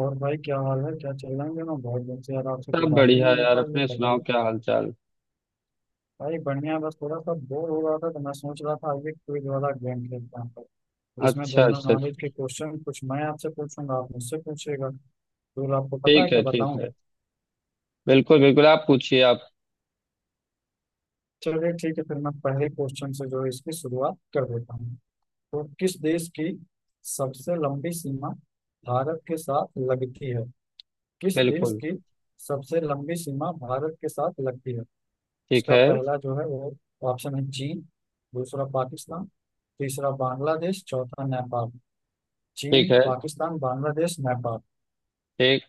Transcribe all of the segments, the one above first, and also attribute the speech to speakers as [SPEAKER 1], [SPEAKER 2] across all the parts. [SPEAKER 1] और भाई क्या हाल है, क्या चल रहा है ना। बहुत दिन से यार आपसे कोई
[SPEAKER 2] सब
[SPEAKER 1] बात ही
[SPEAKER 2] बढ़िया
[SPEAKER 1] नहीं हो
[SPEAKER 2] यार
[SPEAKER 1] पाई है,
[SPEAKER 2] अपने सुनाओ
[SPEAKER 1] बताइए।
[SPEAKER 2] क्या हाल चाल।
[SPEAKER 1] भाई बढ़िया, बस थोड़ा सा बोर हो रहा था तो मैं सोच रहा था आगे क्विज वाला गेम खेलते हैं तो, जिसमें
[SPEAKER 2] अच्छा
[SPEAKER 1] जनरल
[SPEAKER 2] अच्छा।
[SPEAKER 1] नॉलेज के क्वेश्चन कुछ मैं आपसे पूछूंगा, आप मुझसे पूछिएगा। तो आपको पता है
[SPEAKER 2] ठीक
[SPEAKER 1] क्या
[SPEAKER 2] है ठीक
[SPEAKER 1] बताऊं।
[SPEAKER 2] है। बिल्कुल बिल्कुल आप पूछिए आप।
[SPEAKER 1] चलिए ठीक है, फिर मैं पहले क्वेश्चन से जो है इसकी शुरुआत कर देता हूँ। तो किस देश की सबसे लंबी सीमा भारत के साथ लगती है? किस देश
[SPEAKER 2] बिल्कुल।
[SPEAKER 1] की सबसे लंबी सीमा भारत के साथ लगती है?
[SPEAKER 2] ठीक
[SPEAKER 1] इसका
[SPEAKER 2] है
[SPEAKER 1] पहला जो है वो ऑप्शन है चीन, दूसरा पाकिस्तान, तीसरा बांग्लादेश, चौथा नेपाल। चीन,
[SPEAKER 2] ठीक है
[SPEAKER 1] पाकिस्तान, बांग्लादेश, नेपाल।
[SPEAKER 2] ठीक।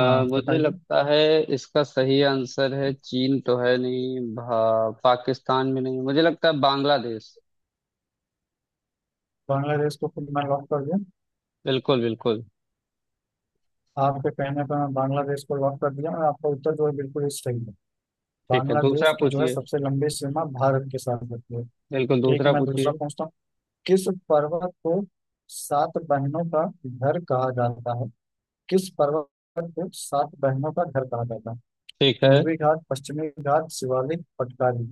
[SPEAKER 1] हाँ
[SPEAKER 2] मुझे
[SPEAKER 1] बताइए।
[SPEAKER 2] लगता है इसका सही आंसर है चीन तो है नहीं पाकिस्तान भी नहीं मुझे लगता है बांग्लादेश।
[SPEAKER 1] बांग्लादेश को खुद मैं लॉक कर दिया।
[SPEAKER 2] बिल्कुल बिल्कुल।
[SPEAKER 1] आपके कहने पर मैं बांग्लादेश को लॉक कर दिया और आपका उत्तर जो है बिल्कुल ही सही है।
[SPEAKER 2] ठीक है
[SPEAKER 1] बांग्लादेश
[SPEAKER 2] दूसरा
[SPEAKER 1] की जो है
[SPEAKER 2] पूछिए।
[SPEAKER 1] सबसे लंबी सीमा भारत के साथ लगती है।
[SPEAKER 2] बिल्कुल
[SPEAKER 1] ठीक
[SPEAKER 2] दूसरा
[SPEAKER 1] है मैं
[SPEAKER 2] पूछिए।
[SPEAKER 1] दूसरा पूछता हूँ। किस पर्वत को सात बहनों का घर कहा जाता है? किस पर्वत को सात बहनों का घर कहा जाता है?
[SPEAKER 2] ठीक है।
[SPEAKER 1] पूर्वी घाट, पश्चिमी घाट, शिवालिक, पटकारी।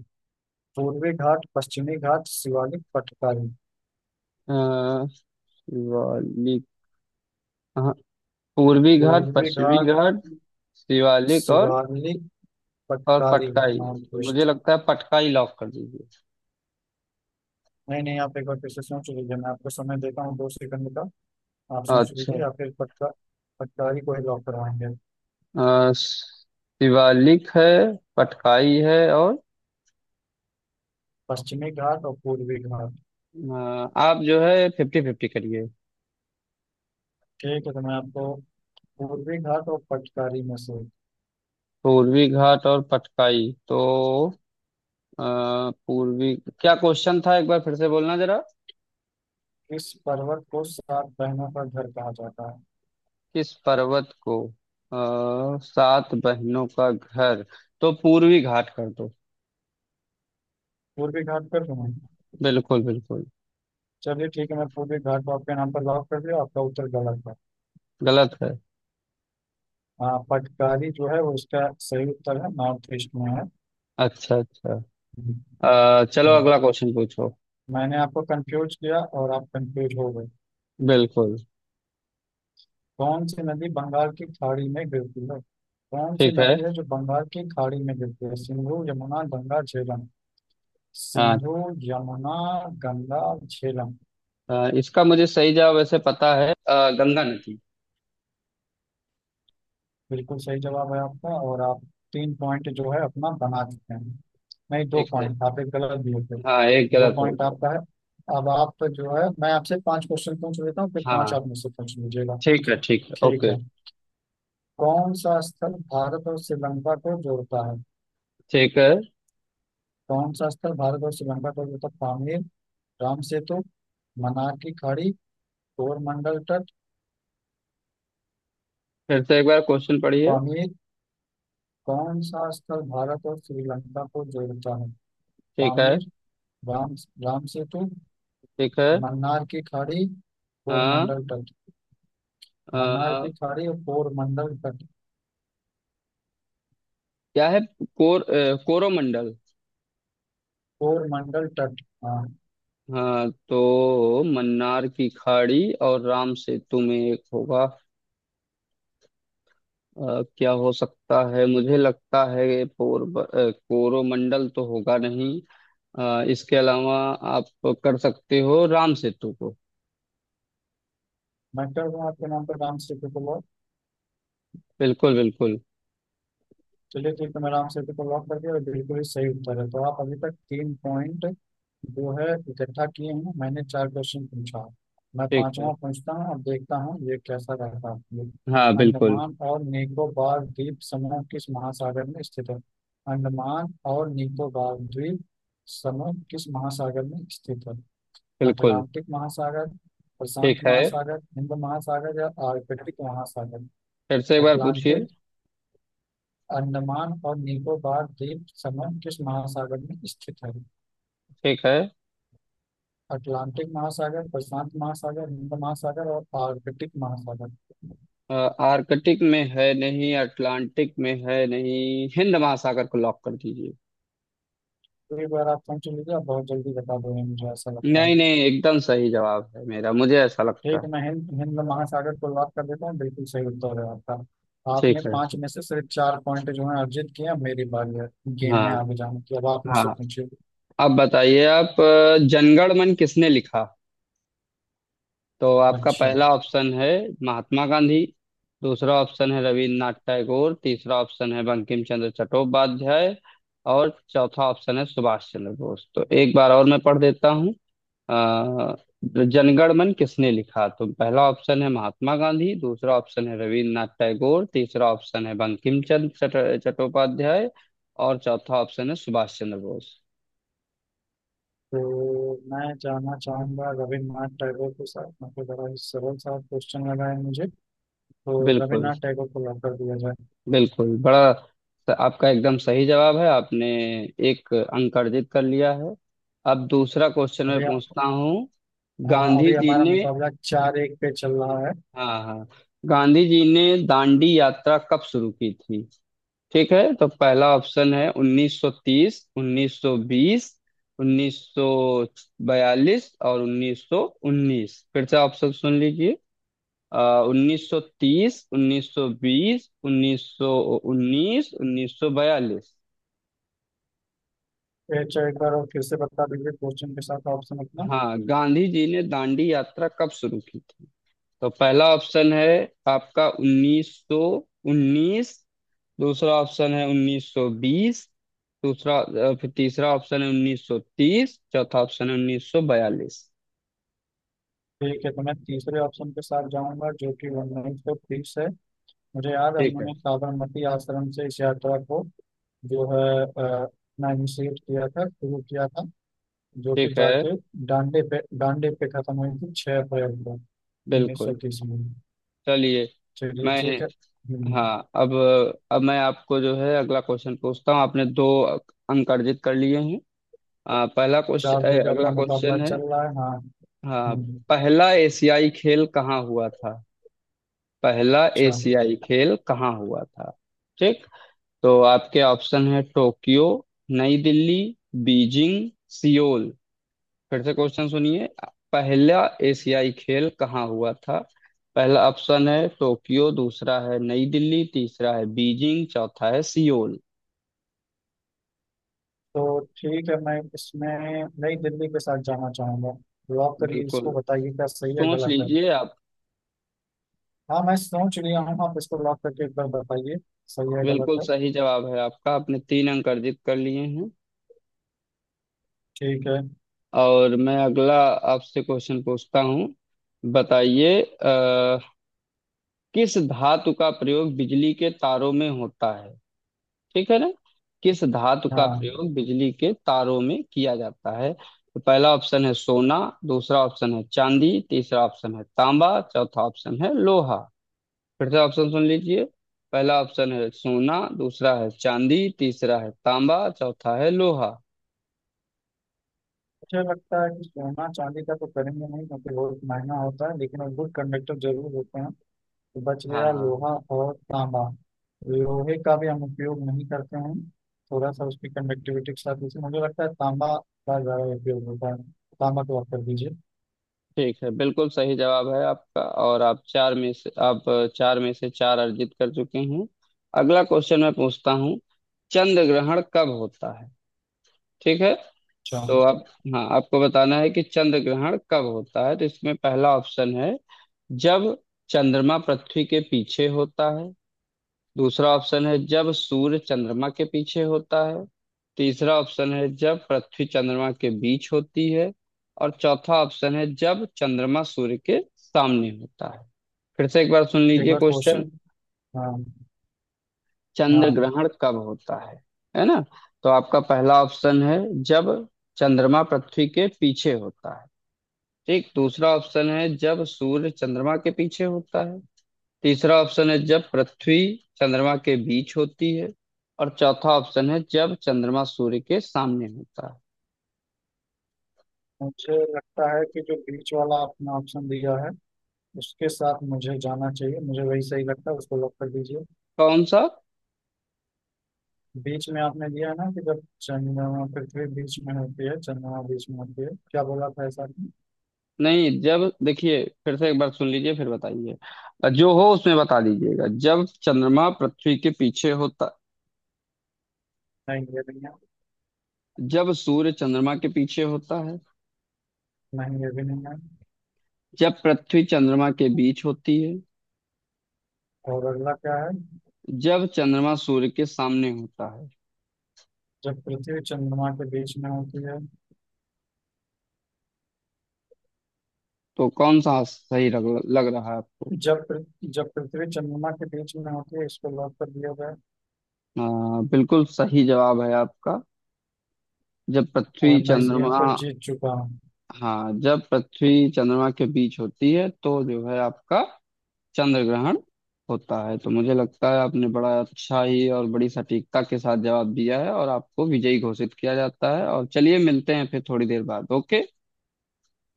[SPEAKER 1] पूर्वी घाट, पश्चिमी घाट, शिवालिक, पटकारी।
[SPEAKER 2] अ, शिवालिक। हाँ। पूर्वी घाट
[SPEAKER 1] पूर्वी
[SPEAKER 2] पश्चिमी
[SPEAKER 1] घाट,
[SPEAKER 2] घाट शिवालिक और।
[SPEAKER 1] शिवालिक,
[SPEAKER 2] और
[SPEAKER 1] पटकारी,
[SPEAKER 2] पटकाई।
[SPEAKER 1] माउंट
[SPEAKER 2] मुझे
[SPEAKER 1] वेस्ट।
[SPEAKER 2] लगता है पटकाई लॉक कर दीजिए।
[SPEAKER 1] नहीं नहीं, आप एक बार फिर से सोच लीजिए, मैं आपको समय देता हूँ 2 सेकंड का। आप सोच लीजिए
[SPEAKER 2] अच्छा।
[SPEAKER 1] या फिर पटका पटकारी को ही लॉक करवाएंगे।
[SPEAKER 2] शिवालिक है पटकाई है और
[SPEAKER 1] पश्चिमी घाट और पूर्वी घाट।
[SPEAKER 2] आप जो है फिफ्टी फिफ्टी करिए।
[SPEAKER 1] ठीक है तो मैं आपको पूर्वी घाट और पटकारी में से
[SPEAKER 2] पूर्वी घाट और पटकाई तो अ, पूर्वी क्या क्वेश्चन था एक बार फिर से बोलना जरा।
[SPEAKER 1] किस पर्वत को सात बहनों का घर कहा जाता है?
[SPEAKER 2] किस पर्वत को सात बहनों का घर तो पूर्वी घाट कर दो।
[SPEAKER 1] पूर्वी घाट कर दूं मैं?
[SPEAKER 2] बिल्कुल बिल्कुल।
[SPEAKER 1] चलिए ठीक है मैं पूर्वी घाट को आपके नाम पर लॉक कर दिया, आपका उत्तर गलत है।
[SPEAKER 2] गलत है।
[SPEAKER 1] हाँ, पटकारी जो है वो इसका सही उत्तर है, नॉर्थ ईस्ट में है।
[SPEAKER 2] अच्छा अच्छा।
[SPEAKER 1] हम्म।
[SPEAKER 2] चलो अगला क्वेश्चन पूछो।
[SPEAKER 1] मैंने आपको कंफ्यूज किया और आप कंफ्यूज हो गए।
[SPEAKER 2] बिल्कुल।
[SPEAKER 1] कौन सी नदी बंगाल की खाड़ी में गिरती है? कौन सी
[SPEAKER 2] ठीक है।
[SPEAKER 1] नदी है जो बंगाल की खाड़ी में गिरती है? सिंधु, यमुना, गंगा, झेलम।
[SPEAKER 2] हाँ,
[SPEAKER 1] सिंधु, यमुना, गंगा, झेलम।
[SPEAKER 2] इसका मुझे सही जवाब वैसे पता है गंगा नदी।
[SPEAKER 1] बिल्कुल सही जवाब है आपका, और आप 3 पॉइंट जो है अपना बना चुके हैं। नहीं, दो
[SPEAKER 2] ठीक है।
[SPEAKER 1] पॉइंट आप एक गलत दिए थे।
[SPEAKER 2] हाँ एक
[SPEAKER 1] दो
[SPEAKER 2] गलत हो
[SPEAKER 1] पॉइंट
[SPEAKER 2] गया।
[SPEAKER 1] आपका है। अब आप जो है मैं आपसे 5 क्वेश्चन पूछ लेता हूँ, फिर 5
[SPEAKER 2] हाँ
[SPEAKER 1] आप मुझसे पूछ लीजिएगा।
[SPEAKER 2] ठीक है
[SPEAKER 1] ठीक
[SPEAKER 2] ओके।
[SPEAKER 1] है। कौन सा स्थल भारत और श्रीलंका को जोड़ता है?
[SPEAKER 2] ठीक है।
[SPEAKER 1] कौन सा स्थल भारत और श्रीलंका को जोड़ता है? पामीर, राम सेतु, मन्नार की खाड़ी, कोरमंडल तट।
[SPEAKER 2] फिर से एक बार क्वेश्चन पढ़िए।
[SPEAKER 1] पामीर, कौन सा स्थल भारत और श्रीलंका को जोड़ता है?
[SPEAKER 2] ठीक है।
[SPEAKER 1] पामीर, राम राम सेतु,
[SPEAKER 2] ठीक है।
[SPEAKER 1] मन्नार की खाड़ी,
[SPEAKER 2] हाँ।
[SPEAKER 1] कोरमंडल तट। मन्नार
[SPEAKER 2] अ,
[SPEAKER 1] की खाड़ी और कोरमंडल तट।
[SPEAKER 2] क्या है कोर कोरोमंडल।
[SPEAKER 1] कोरमंडल तट हाँ।
[SPEAKER 2] हाँ तो मन्नार की खाड़ी और राम सेतु में एक होगा। क्या हो सकता है मुझे लगता है कोरोमंडल तो होगा नहीं। इसके अलावा आप कर सकते हो राम सेतु को।
[SPEAKER 1] मैं कर रहा हूँ आपके नाम पर डांस सीखे।
[SPEAKER 2] बिल्कुल बिल्कुल।
[SPEAKER 1] चलिए ठीक है, मैंने आपसे को लॉक कर दिया और बिल्कुल ही सही उत्तर है, तो आप अभी तक 3 पॉइंट जो है इकट्ठा किए हैं। मैंने 4 क्वेश्चन पूछा, मैं
[SPEAKER 2] ठीक है।
[SPEAKER 1] पांचवा पूछता हूँ, अब देखता हूँ ये कैसा रहता है आपके लिए।
[SPEAKER 2] हाँ बिल्कुल।
[SPEAKER 1] अंडमान और निकोबार द्वीप समूह किस महासागर में स्थित है? अंडमान और निकोबार द्वीप समूह किस महासागर में स्थित है?
[SPEAKER 2] बिल्कुल।
[SPEAKER 1] अटलांटिक महासागर,
[SPEAKER 2] ठीक
[SPEAKER 1] प्रशांत
[SPEAKER 2] है।
[SPEAKER 1] महासागर, हिंद महासागर या आर्कटिक महासागर।
[SPEAKER 2] फिर से एक बार पूछिए।
[SPEAKER 1] अटलांटिक, अंडमान और निकोबार द्वीप समूह किस महासागर में स्थित है?
[SPEAKER 2] ठीक है।
[SPEAKER 1] अटलांटिक महासागर, प्रशांत महासागर, हिंद महासागर और आर्कटिक महासागर।
[SPEAKER 2] अ, आर्कटिक में है नहीं अटलांटिक में है नहीं हिंद महासागर को लॉक कर दीजिए।
[SPEAKER 1] तो एक बार आप समझ लीजिए, आप बहुत जल्दी बता दोगे मुझे ऐसा लगता
[SPEAKER 2] नहीं
[SPEAKER 1] है।
[SPEAKER 2] नहीं एकदम सही जवाब है मेरा मुझे ऐसा लगता
[SPEAKER 1] ठीक
[SPEAKER 2] है।
[SPEAKER 1] है, मैं हिंद हिंद महासागर को लॉक कर देता हूँ, बिल्कुल सही उत्तर है आपका। आपने
[SPEAKER 2] ठीक है।
[SPEAKER 1] 5 में से सिर्फ 4 पॉइंट जो है अर्जित किए, अब मेरी बारी है गेम में
[SPEAKER 2] हाँ
[SPEAKER 1] आगे जाने की, अब आप मुझसे
[SPEAKER 2] हाँ।
[SPEAKER 1] पूछिए।
[SPEAKER 2] अब बताइए आप, जनगण मन किसने लिखा। तो आपका
[SPEAKER 1] अच्छा।
[SPEAKER 2] पहला ऑप्शन है महात्मा गांधी दूसरा ऑप्शन है रविन्द्रनाथ टैगोर तीसरा ऑप्शन है बंकिम चंद्र चट्टोपाध्याय और चौथा ऑप्शन है सुभाष चंद्र बोस। तो एक बार और मैं पढ़ देता हूँ। अ, जनगण मन किसने लिखा। तो पहला ऑप्शन है महात्मा गांधी दूसरा ऑप्शन है रविन्द्रनाथ टैगोर तीसरा ऑप्शन है बंकिम चंद्र चट्टोपाध्याय और चौथा ऑप्शन है सुभाष चंद्र बोस।
[SPEAKER 1] तो मैं जानना चाहूंगा, रविन्द्रनाथ टैगोर के साथ, मतलब बड़ा ही सरल सा क्वेश्चन लगा है मुझे। तो
[SPEAKER 2] बिल्कुल
[SPEAKER 1] रविन्द्रनाथ टैगोर को लॉक कर दिया जाए।
[SPEAKER 2] बिल्कुल बड़ा आपका एकदम सही जवाब है। आपने एक अंक अर्जित कर लिया है। अब दूसरा क्वेश्चन मैं
[SPEAKER 1] अभी,
[SPEAKER 2] पूछता हूँ।
[SPEAKER 1] हाँ
[SPEAKER 2] गांधी
[SPEAKER 1] अभी
[SPEAKER 2] जी
[SPEAKER 1] हमारा
[SPEAKER 2] ने।
[SPEAKER 1] मुकाबला 4-1 पे चल रहा है।
[SPEAKER 2] हाँ हाँ। गांधी जी ने दांडी यात्रा कब शुरू की थी। ठीक है तो पहला ऑप्शन है 1930 1920 1942 और 1919। फिर से ऑप्शन सुन लीजिए। उन्नीस सौ तीस उन्नीस सौ बीस उन्नीस सौ उन्नीस उन्नीस सौ बयालीस।
[SPEAKER 1] ये चलो, एक बार और फिर से बता दीजिए क्वेश्चन के साथ ऑप्शन अपना।
[SPEAKER 2] हाँ गांधी जी ने दांडी यात्रा कब शुरू की थी। तो पहला ऑप्शन है आपका उन्नीस सौ उन्नीस दूसरा ऑप्शन है उन्नीस सौ बीस फिर तीसरा ऑप्शन है उन्नीस सौ तीस चौथा ऑप्शन है उन्नीस सौ बयालीस।
[SPEAKER 1] ठीक है तो मैं तीसरे ऑप्शन के साथ जाऊंगा जो कि 1930 है। मुझे याद है
[SPEAKER 2] ठीक है।
[SPEAKER 1] उन्होंने साबरमती आश्रम से इस यात्रा को जो है इनिशिएट किया था, शुरू किया था, जो कि
[SPEAKER 2] ठीक है।
[SPEAKER 1] जाके डांडे पे खत्म हुई थी 6 अप्रैल को उन्नीस सौ
[SPEAKER 2] बिल्कुल।
[SPEAKER 1] तीस में।
[SPEAKER 2] चलिए।
[SPEAKER 1] चलिए
[SPEAKER 2] मैं।
[SPEAKER 1] ठीक है।
[SPEAKER 2] हाँ अब। अब मैं आपको जो है अगला क्वेश्चन पूछता हूँ। आपने दो अंक अर्जित कर लिए हैं। पहला
[SPEAKER 1] 4-2
[SPEAKER 2] क्वेश्चन
[SPEAKER 1] पे
[SPEAKER 2] अगला
[SPEAKER 1] अपना मुकाबला
[SPEAKER 2] क्वेश्चन है।
[SPEAKER 1] चल रहा है हाँ।
[SPEAKER 2] हाँ।
[SPEAKER 1] हम्म,
[SPEAKER 2] पहला एशियाई खेल कहाँ हुआ था। पहला
[SPEAKER 1] अच्छा।
[SPEAKER 2] एशियाई खेल कहाँ हुआ था। ठीक। तो आपके ऑप्शन है टोक्यो नई दिल्ली बीजिंग सियोल। फिर से क्वेश्चन सुनिए। पहला एशियाई खेल कहाँ हुआ था। पहला ऑप्शन है टोक्यो दूसरा है नई दिल्ली तीसरा है बीजिंग चौथा है सियोल।
[SPEAKER 1] तो ठीक है मैं इसमें नई दिल्ली के साथ जाना चाहूंगा। लॉक करिए
[SPEAKER 2] बिल्कुल।
[SPEAKER 1] इसको, बताइए क्या सही है
[SPEAKER 2] सोच
[SPEAKER 1] गलत है।
[SPEAKER 2] लीजिए आप।
[SPEAKER 1] हाँ मैं सोच लिया हूँ, आप इसको लॉक करके एक बार बताइए सही है गलत
[SPEAKER 2] बिल्कुल
[SPEAKER 1] है।
[SPEAKER 2] सही जवाब है आपका। आपने तीन अंक अर्जित कर लिए हैं।
[SPEAKER 1] ठीक है।
[SPEAKER 2] और मैं अगला आपसे क्वेश्चन पूछता हूँ। बताइए, किस धातु का प्रयोग बिजली के तारों में होता है। ठीक है ना। किस धातु का
[SPEAKER 1] हाँ,
[SPEAKER 2] प्रयोग बिजली के तारों में किया जाता है। तो पहला ऑप्शन है सोना दूसरा ऑप्शन है चांदी तीसरा ऑप्शन है तांबा चौथा ऑप्शन है लोहा। फिर से ऑप्शन सुन लीजिए। पहला ऑप्शन है सोना दूसरा है चांदी तीसरा है तांबा चौथा है लोहा।
[SPEAKER 1] मुझे लगता है कि सोना चांदी का तो करेंगे नहीं क्योंकि बहुत महंगा होता है, लेकिन गुड कंडक्टर जरूर होते हैं। तो बच
[SPEAKER 2] हाँ हाँ।
[SPEAKER 1] गया लोहा
[SPEAKER 2] हाँ।
[SPEAKER 1] और तांबा। लोहे का भी हम उपयोग नहीं करते हैं, थोड़ा सा उसकी कंडक्टिविटी के साथ, इसलिए मुझे लगता है तांबा का ज्यादा उपयोग होता है। तांबा को आप कर दीजिए।
[SPEAKER 2] ठीक है बिल्कुल सही जवाब है आपका और आप चार में से आप चार में से चार अर्जित कर चुके हैं। अगला क्वेश्चन मैं पूछता हूँ। चंद्र ग्रहण कब होता है। ठीक है।
[SPEAKER 1] अच्छा।
[SPEAKER 2] तो आप, हाँ आपको बताना है कि चंद्र ग्रहण कब होता है। तो इसमें पहला ऑप्शन है जब चंद्रमा पृथ्वी के पीछे होता है दूसरा ऑप्शन है जब सूर्य चंद्रमा के पीछे होता है तीसरा ऑप्शन है जब पृथ्वी चंद्रमा के बीच होती है और चौथा ऑप्शन है जब चंद्रमा सूर्य के सामने होता है। फिर से एक बार सुन
[SPEAKER 1] एक
[SPEAKER 2] लीजिए
[SPEAKER 1] बार
[SPEAKER 2] क्वेश्चन।
[SPEAKER 1] क्वेश्चन, हाँ।
[SPEAKER 2] चंद्र
[SPEAKER 1] हाँ,
[SPEAKER 2] ग्रहण कब होता है। है ना। तो आपका पहला ऑप्शन है जब चंद्रमा पृथ्वी के पीछे होता है, ठीक। दूसरा ऑप्शन है जब सूर्य चंद्रमा के पीछे होता है तीसरा ऑप्शन है जब पृथ्वी चंद्रमा के बीच होती है और चौथा ऑप्शन है जब चंद्रमा सूर्य के सामने होता है।
[SPEAKER 1] मुझे लगता है कि जो बीच वाला आपने ऑप्शन दिया है उसके साथ मुझे जाना चाहिए, मुझे वही सही लगता है, उसको लॉक कर दीजिए।
[SPEAKER 2] कौन सा।
[SPEAKER 1] बीच में आपने दिया है ना कि जब चंद्रमा पृथ्वी बीच में होती है, चंद्रमा बीच में होती है, क्या बोला था ऐसा आपने?
[SPEAKER 2] नहीं जब, देखिए फिर से एक बार सुन लीजिए फिर बताइए जो हो उसमें बता दीजिएगा। जब चंद्रमा पृथ्वी के पीछे होता।
[SPEAKER 1] नहीं ये नहीं है।
[SPEAKER 2] जब सूर्य चंद्रमा के पीछे होता है।
[SPEAKER 1] नहीं ये भी नहीं है।
[SPEAKER 2] जब पृथ्वी चंद्रमा के बीच होती है।
[SPEAKER 1] और अगला क्या है?
[SPEAKER 2] जब चंद्रमा सूर्य के सामने होता है।
[SPEAKER 1] जब पृथ्वी चंद्रमा के बीच में होती है।
[SPEAKER 2] तो कौन सा सही लग रहा है आपको।
[SPEAKER 1] जब पृथ्वी चंद्रमा के बीच में होती है, इसको लॉक कर दिया जाए।
[SPEAKER 2] बिल्कुल सही जवाब है आपका। जब
[SPEAKER 1] और
[SPEAKER 2] पृथ्वी
[SPEAKER 1] मैं इस गेम
[SPEAKER 2] चंद्रमा।
[SPEAKER 1] को जीत चुका हूँ।
[SPEAKER 2] हाँ जब पृथ्वी चंद्रमा के बीच होती है तो जो है आपका चंद्र ग्रहण होता है। तो मुझे लगता है आपने बड़ा अच्छा ही और बड़ी सटीकता के साथ जवाब दिया है और आपको विजयी घोषित किया जाता है। और चलिए मिलते हैं फिर थोड़ी देर बाद, ओके।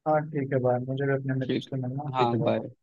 [SPEAKER 1] हाँ ठीक है भाई, मुझे भी अपने मित्र
[SPEAKER 2] ठीक।
[SPEAKER 1] से मिलना है, ठीक
[SPEAKER 2] हाँ
[SPEAKER 1] है
[SPEAKER 2] बाय।
[SPEAKER 1] भाई।